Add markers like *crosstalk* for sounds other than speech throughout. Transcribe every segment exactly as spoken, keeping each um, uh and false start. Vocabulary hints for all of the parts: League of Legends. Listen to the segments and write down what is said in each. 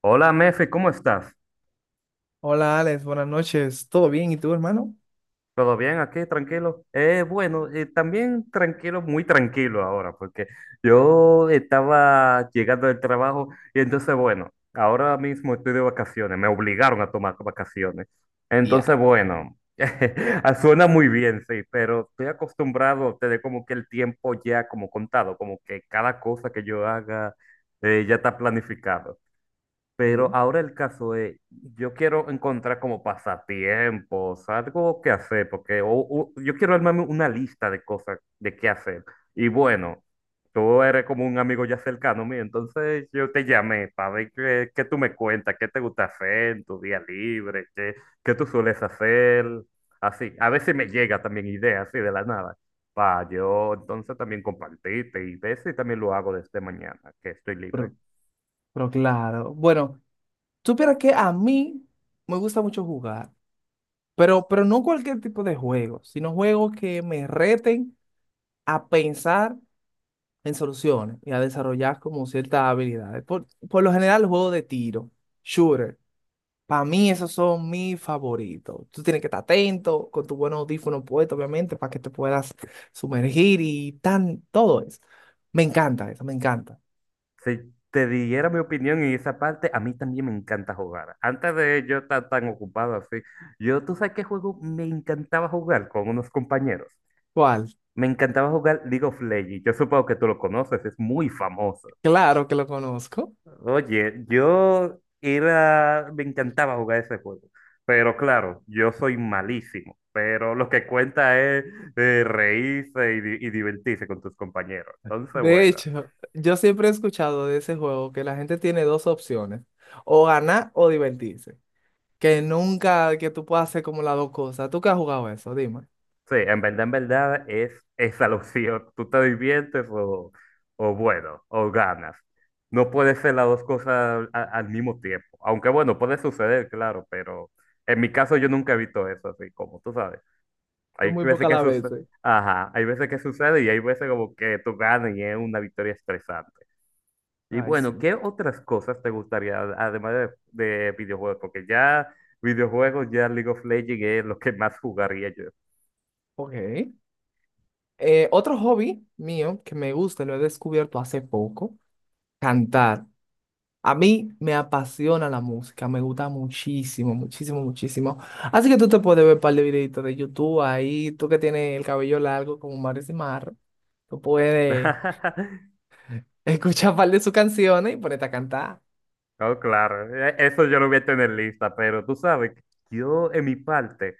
Hola, mefe, ¿cómo estás? Hola Alex, buenas noches. ¿Todo bien? ¿Y tú, hermano? ¿Todo bien aquí? ¿Tranquilo? Eh, bueno, eh, También tranquilo, muy tranquilo ahora, porque yo estaba llegando del trabajo y entonces, bueno, ahora mismo estoy de vacaciones, me obligaron a tomar vacaciones. Entonces, Ya. bueno, *laughs* ah, suena muy bien, sí, pero estoy acostumbrado a tener como que el tiempo ya como contado, como que cada cosa que yo haga eh, ya está planificado. Pero Bien. ahora el caso es, yo quiero encontrar como pasatiempos, algo que hacer, porque o- o- yo quiero armarme una lista de cosas de qué hacer. Y bueno, tú eres como un amigo ya cercano mío, entonces yo te llamé para ver qué, qué tú me cuentas, qué te gusta hacer en tu día libre, qué, qué tú sueles hacer, así. A veces me llega también ideas así de la nada, para yo entonces también compartirte y ver si también lo hago desde mañana, que estoy libre. Pero, pero claro. Bueno, supieras que a mí me gusta mucho jugar, pero, pero no cualquier tipo de juego, sino juegos que me reten a pensar en soluciones y a desarrollar como ciertas habilidades. Por, por lo general, juegos de tiro, shooter. Para mí esos son mis favoritos. Tú tienes que estar atento con tu buen audífono puesto, obviamente, para que te puedas sumergir y tan, todo eso. Me encanta eso, me encanta. Si te diera mi opinión en esa parte, a mí también me encanta jugar. Antes de yo estar tan ocupado así, yo, ¿tú sabes qué juego me encantaba jugar con unos compañeros? ¿Cuál? Me encantaba jugar League of Legends. Yo supongo que tú lo conoces, es muy famoso. Claro que lo conozco. Oye, yo era, me encantaba jugar ese juego. Pero claro, yo soy malísimo. Pero lo que cuenta es eh, reírse y, di- y divertirse con tus compañeros. Entonces, De bueno. hecho, yo siempre he escuchado de ese juego que la gente tiene dos opciones, o ganar o divertirse. Que nunca que tú puedas hacer como las dos cosas. ¿Tú qué has jugado eso? Dime. Sí, en verdad, en verdad es esa *laughs* la opción. Tú te diviertes o, o bueno, o ganas. No puede ser las dos cosas a- al mismo tiempo. Aunque bueno, puede suceder, claro, pero en mi caso yo nunca he visto eso así, como tú sabes. Son Hay muy veces pocas que las sucede, veces. ajá, hay veces que sucede y hay veces como que tú ganas y es una victoria estresante. Y Ay, bueno, sí. ¿qué otras cosas te gustaría, además de, de videojuegos? Porque ya videojuegos, ya League of Legends es lo que más jugaría yo. Ok. Eh, otro hobby mío que me gusta, lo he descubierto hace poco, cantar. A mí me apasiona la música, me gusta muchísimo, muchísimo, muchísimo. Así que tú te puedes ver un par de videitos de YouTube ahí, tú que tienes el cabello largo como Maris y Mar, tú puedes *laughs* *laughs* escuchar un par de sus canciones y ponerte a cantar. No, claro, e- eso yo lo voy a tener lista, pero tú sabes, que yo en mi parte,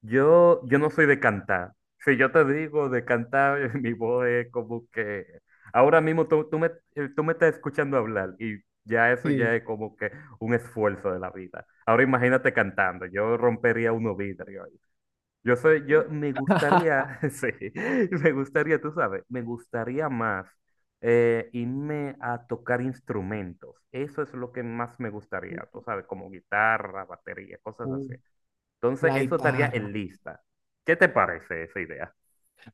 yo, yo no soy de cantar. Si yo te digo de cantar, *laughs* mi voz es como que ahora mismo tú, tú me, eh, tú me estás escuchando hablar y ya eso ya Sí. es como que un esfuerzo de la vida. Ahora imagínate cantando, yo rompería unos vidrios. Yo soy, yo me *laughs* gustaría, *laughs* sí, me gustaría, tú sabes, me gustaría más eh, irme a tocar instrumentos. Eso es lo que más me gustaría, tú sabes, como guitarra, batería, cosas Uh, así. Entonces, la eso estaría guitarra. en lista. ¿Qué te parece esa idea?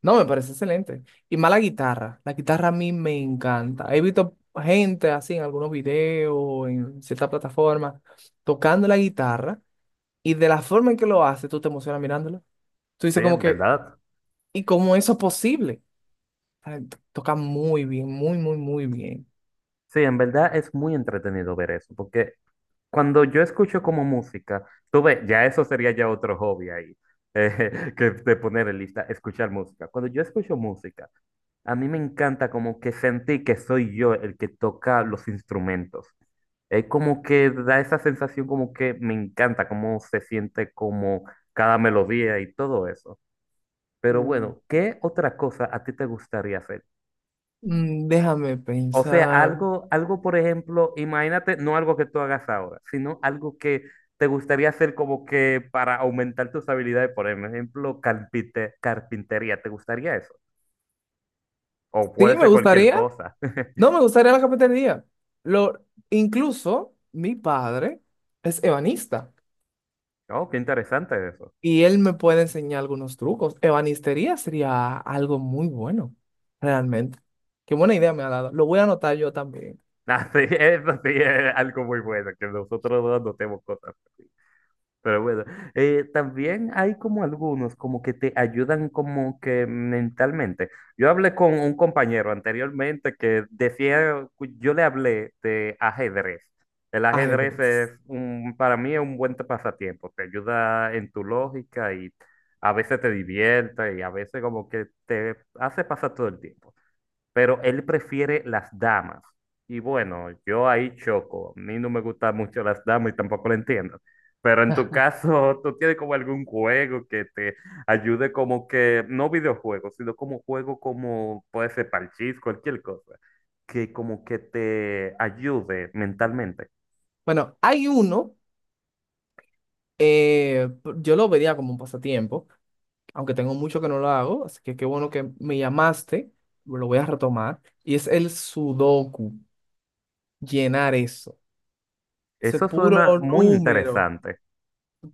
No, me parece excelente. Y más la guitarra. La guitarra a mí me encanta. He visto gente así en algunos videos, en ciertas plataformas, tocando la guitarra. Y de la forma en que lo hace, tú te emocionas mirándolo. Tú Sí, dices como en que, verdad. ¿y cómo eso es posible? Ay, to- toca muy bien, muy, muy, muy bien. Sí, en verdad es muy entretenido ver eso, porque cuando yo escucho como música, tú ves, ya eso sería ya otro hobby ahí, eh, *laughs* que de poner en lista, escuchar música. Cuando yo escucho música, a mí me encanta como que sentí que soy yo el que toca los instrumentos. Es como que da esa sensación como que me encanta cómo se siente como cada melodía y todo eso. Pero Mm. bueno, ¿qué otra cosa a ti te gustaría hacer? Mm, déjame O sea, pensar. algo, algo por ejemplo, imagínate, no algo que tú hagas ahora, sino algo que te gustaría hacer como que para aumentar tus habilidades, por ejemplo, carpinte- carpintería, ¿te gustaría eso? O puede Sí, me ser cualquier gustaría. cosa. *laughs* No, me gustaría la cafetería. Lo, incluso mi padre es ebanista Oh, qué interesante eso. y él me puede enseñar algunos trucos. Ebanistería sería algo muy bueno, realmente. Qué buena idea me ha dado. Lo voy a anotar yo también. *laughs* Ah, sí, eso sí es algo muy bueno, que nosotros no anotemos cosas así. Pero bueno, eh, también hay como algunos como que te ayudan como que mentalmente. Yo hablé con un compañero anteriormente que decía, cu- yo le hablé de ajedrez. El ajedrez es Ajedrez. un, para mí es un buen pasatiempo, te ayuda en tu lógica y a veces te divierte y a veces como que te hace pasar todo el tiempo, pero él prefiere las damas. Y bueno, yo ahí choco. A mí no me gustan mucho las damas y tampoco lo entiendo. Pero en tu caso, ¿tú tienes como algún juego que te ayude como que, no videojuegos, sino como juego como puede ser parchís, cualquier cosa, que como que te ayude mentalmente? Bueno, hay uno. Eh, p- yo lo vería como un pasatiempo, aunque tengo mucho que no lo hago, así que qué bueno que me llamaste, lo voy a retomar. Y es el sudoku, llenar eso. Ese Eso puro suena muy número, interesante.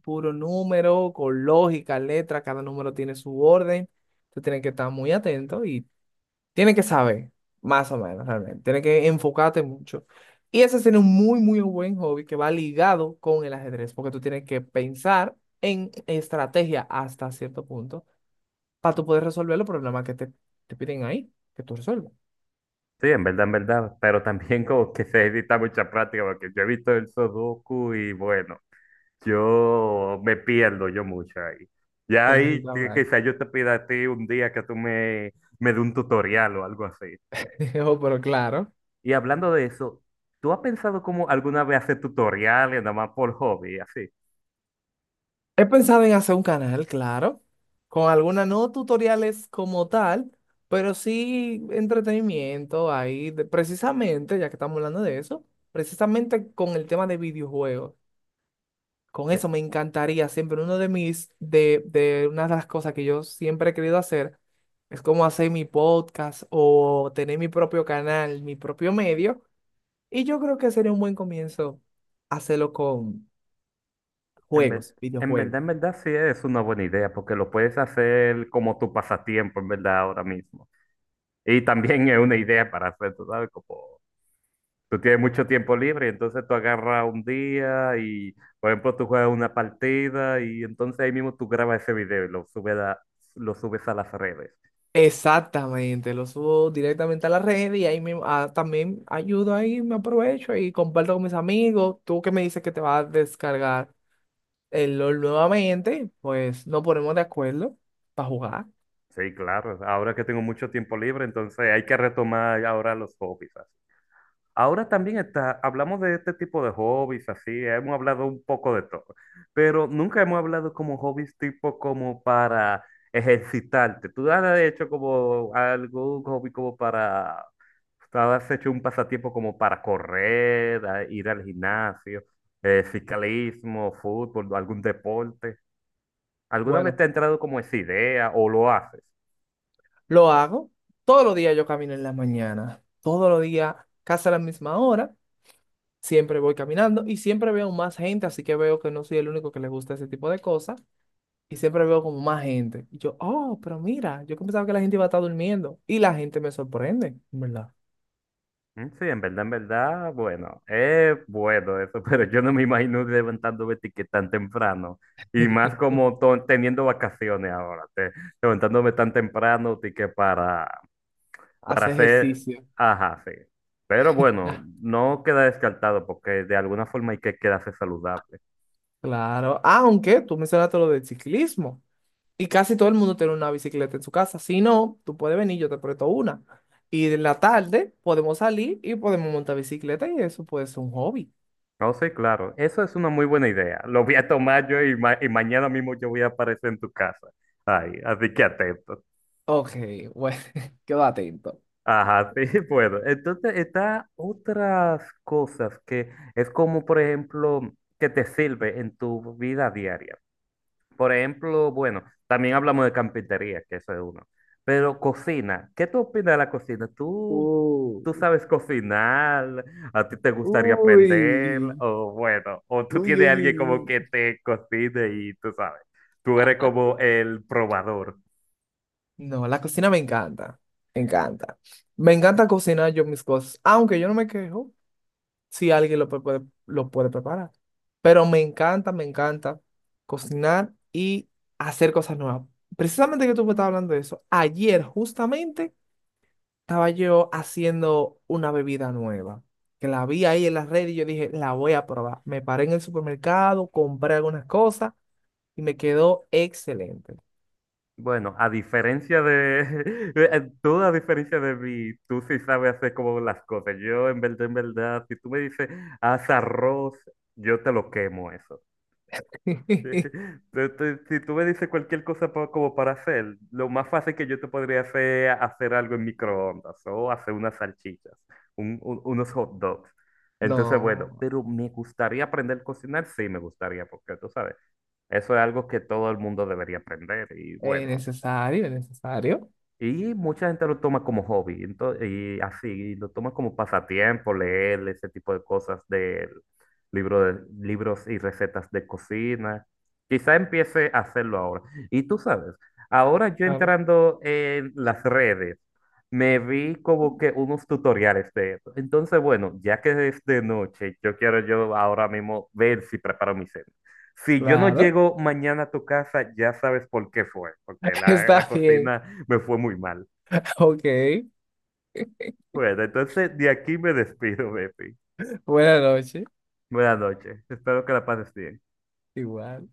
puro número con lógica, letra, cada número tiene su orden. Tú tienes que estar muy atento. Y tiene que saber, más o menos, realmente. Tiene que enfocarte mucho. Y ese es un muy, muy buen hobby que va ligado con el ajedrez, porque tú tienes que pensar en estrategia hasta cierto punto para tú poder resolver los problemas que te, te piden ahí, que tú resuelvas. Sí, en verdad, en verdad, pero también como que se necesita mucha práctica, porque yo he visto el Sudoku y bueno. Yo me pierdo yo mucho ahí. Ya Tienes el *laughs* ahí que- plan. quizá yo te pida a ti un día que tú me, me dé un tutorial o algo así. Oh, pero claro. Y hablando de eso, ¿tú has pensado como alguna vez hacer tutoriales nada más por hobby, así? He pensado en hacer un canal, claro, con algunas, no tutoriales como tal, pero sí entretenimiento ahí, de- precisamente, ya que estamos hablando de eso, precisamente con el tema de videojuegos. Con Eh, eso me encantaría siempre, uno de mis, de, de una de las cosas que yo siempre he querido hacer, es como hacer mi podcast o tener mi propio canal, mi propio medio, y yo creo que sería un buen comienzo hacerlo con En ver- juegos, en verdad, videojuegos. en verdad sí es una buena idea porque lo puedes hacer como tu pasatiempo, en verdad, ahora mismo. Y también es una idea para hacer, tú sabes, como tú tienes mucho tiempo libre, entonces tú agarras un día y, por ejemplo, tú juegas una partida y entonces ahí mismo tú grabas ese video y lo subes a, lo subes a las redes. Exactamente, lo subo directamente a la red y ahí mismo, ah, también ayudo ahí, me aprovecho y comparto con mis amigos. Tú que me dices que te vas a descargar el L O L nuevamente, pues nos ponemos de acuerdo para jugar. Sí, claro. Ahora que tengo mucho tiempo libre, entonces hay que retomar ahora los hobbies. Ahora también está, hablamos de este tipo de hobbies, así, hemos hablado un poco de todo, pero nunca hemos hablado como hobbies tipo como para ejercitarte. Tú has hecho como algún hobby como para, tú has hecho un pasatiempo como para correr, a- ir al gimnasio, eh, ciclismo, fútbol, algún deporte. ¿Alguna vez Bueno, te ha entrado como esa idea o lo haces? lo hago. Todos los días yo camino en la mañana, todos los días, casi a la misma hora, siempre voy caminando y siempre veo más gente, así que veo que no soy el único que le gusta ese tipo de cosas. Y siempre veo como más gente. Y yo, oh, pero mira, yo que pensaba que la gente iba a estar durmiendo. Y la gente me sorprende, ¿en verdad? Mm, sí, en verdad, en verdad, bueno, es bueno eso, *laughs* pero yo no me imagino levantándome ti- que tan temprano. Y más como *laughs* to- teniendo vacaciones ahora, te- levantándome tan temprano, ti que para, para Hace hacer, ejercicio. ajá, sí. Pero bueno, Ah, no queda descartado porque de alguna forma hay que quedarse saludable. claro, aunque tú mencionaste lo del ciclismo y casi todo el mundo tiene una bicicleta en su casa. Si no, tú puedes venir, yo te presto una. Y en la tarde podemos salir y podemos montar bicicleta y eso puede ser un hobby. No, sí, claro, eso es una muy buena idea. Lo voy a tomar yo y, ma- y mañana mismo yo voy a aparecer en tu casa. Ay, así que atento. Ok, bueno, *laughs* quedo atento. Ajá, sí, *laughs* puedo. Entonces, está otras cosas que es como, por ejemplo, que te sirve en tu vida diaria. Por ejemplo, bueno, también hablamos de carpintería, que eso es uno. Pero cocina, ¿qué tú opinas de la cocina? ¿Tú, Uh, tú sabes cocinar? ¿A ti te gustaría aprender? uy, O bueno, o tú uy, tienes uy, a alguien uy, como que uy. te cocine y tú sabes, tú eres como el probador. No, la cocina me encanta, me encanta. Me encanta cocinar yo mis cosas, aunque yo no me quejo si alguien lo pe- puede, lo puede preparar. Pero me encanta, me encanta cocinar y hacer cosas nuevas. Precisamente que tú me estabas hablando de eso, ayer justamente estaba yo haciendo una bebida nueva, que la vi ahí en las redes y yo dije, la voy a probar. Me paré en el supermercado, compré algunas cosas y me quedó excelente. Bueno, a diferencia de *laughs* tú, a diferencia de mí, tú sí sabes hacer como las cosas. Yo, en verdad, en verdad, si tú me dices, haz arroz, yo te lo quemo eso. *laughs* *laughs* Tú- tú- Si tú me dices cualquier cosa pa- como para hacer, lo más fácil que yo te podría hacer es hacer algo en microondas o hacer unas salchichas, un- un- unos hot dogs. Entonces, bueno, No. pero me gustaría aprender a cocinar, sí me gustaría, porque tú sabes, eso es algo que todo el mundo debería aprender y Eh, bueno. Necesario, necesario. Y mucha gente lo toma como hobby, entonces, y así, y lo toma como pasatiempo, leer ese tipo de cosas de libro de, libros y recetas de cocina. Quizá empiece a hacerlo ahora. Y tú sabes, ahora yo Claro. entrando en las redes, me vi como que unos tutoriales de eso. Entonces, bueno, ya que es de noche, yo quiero yo ahora mismo ver si preparo mi cena. Si yo no Claro. llego mañana a tu casa, ya sabes por qué fue, porque *laughs* la, Está la bien. cocina me fue muy mal. Ok. Bueno, entonces de aquí me despido, Bepi. Buenas noches. Buenas noches. Espero que la pases bien. Igual.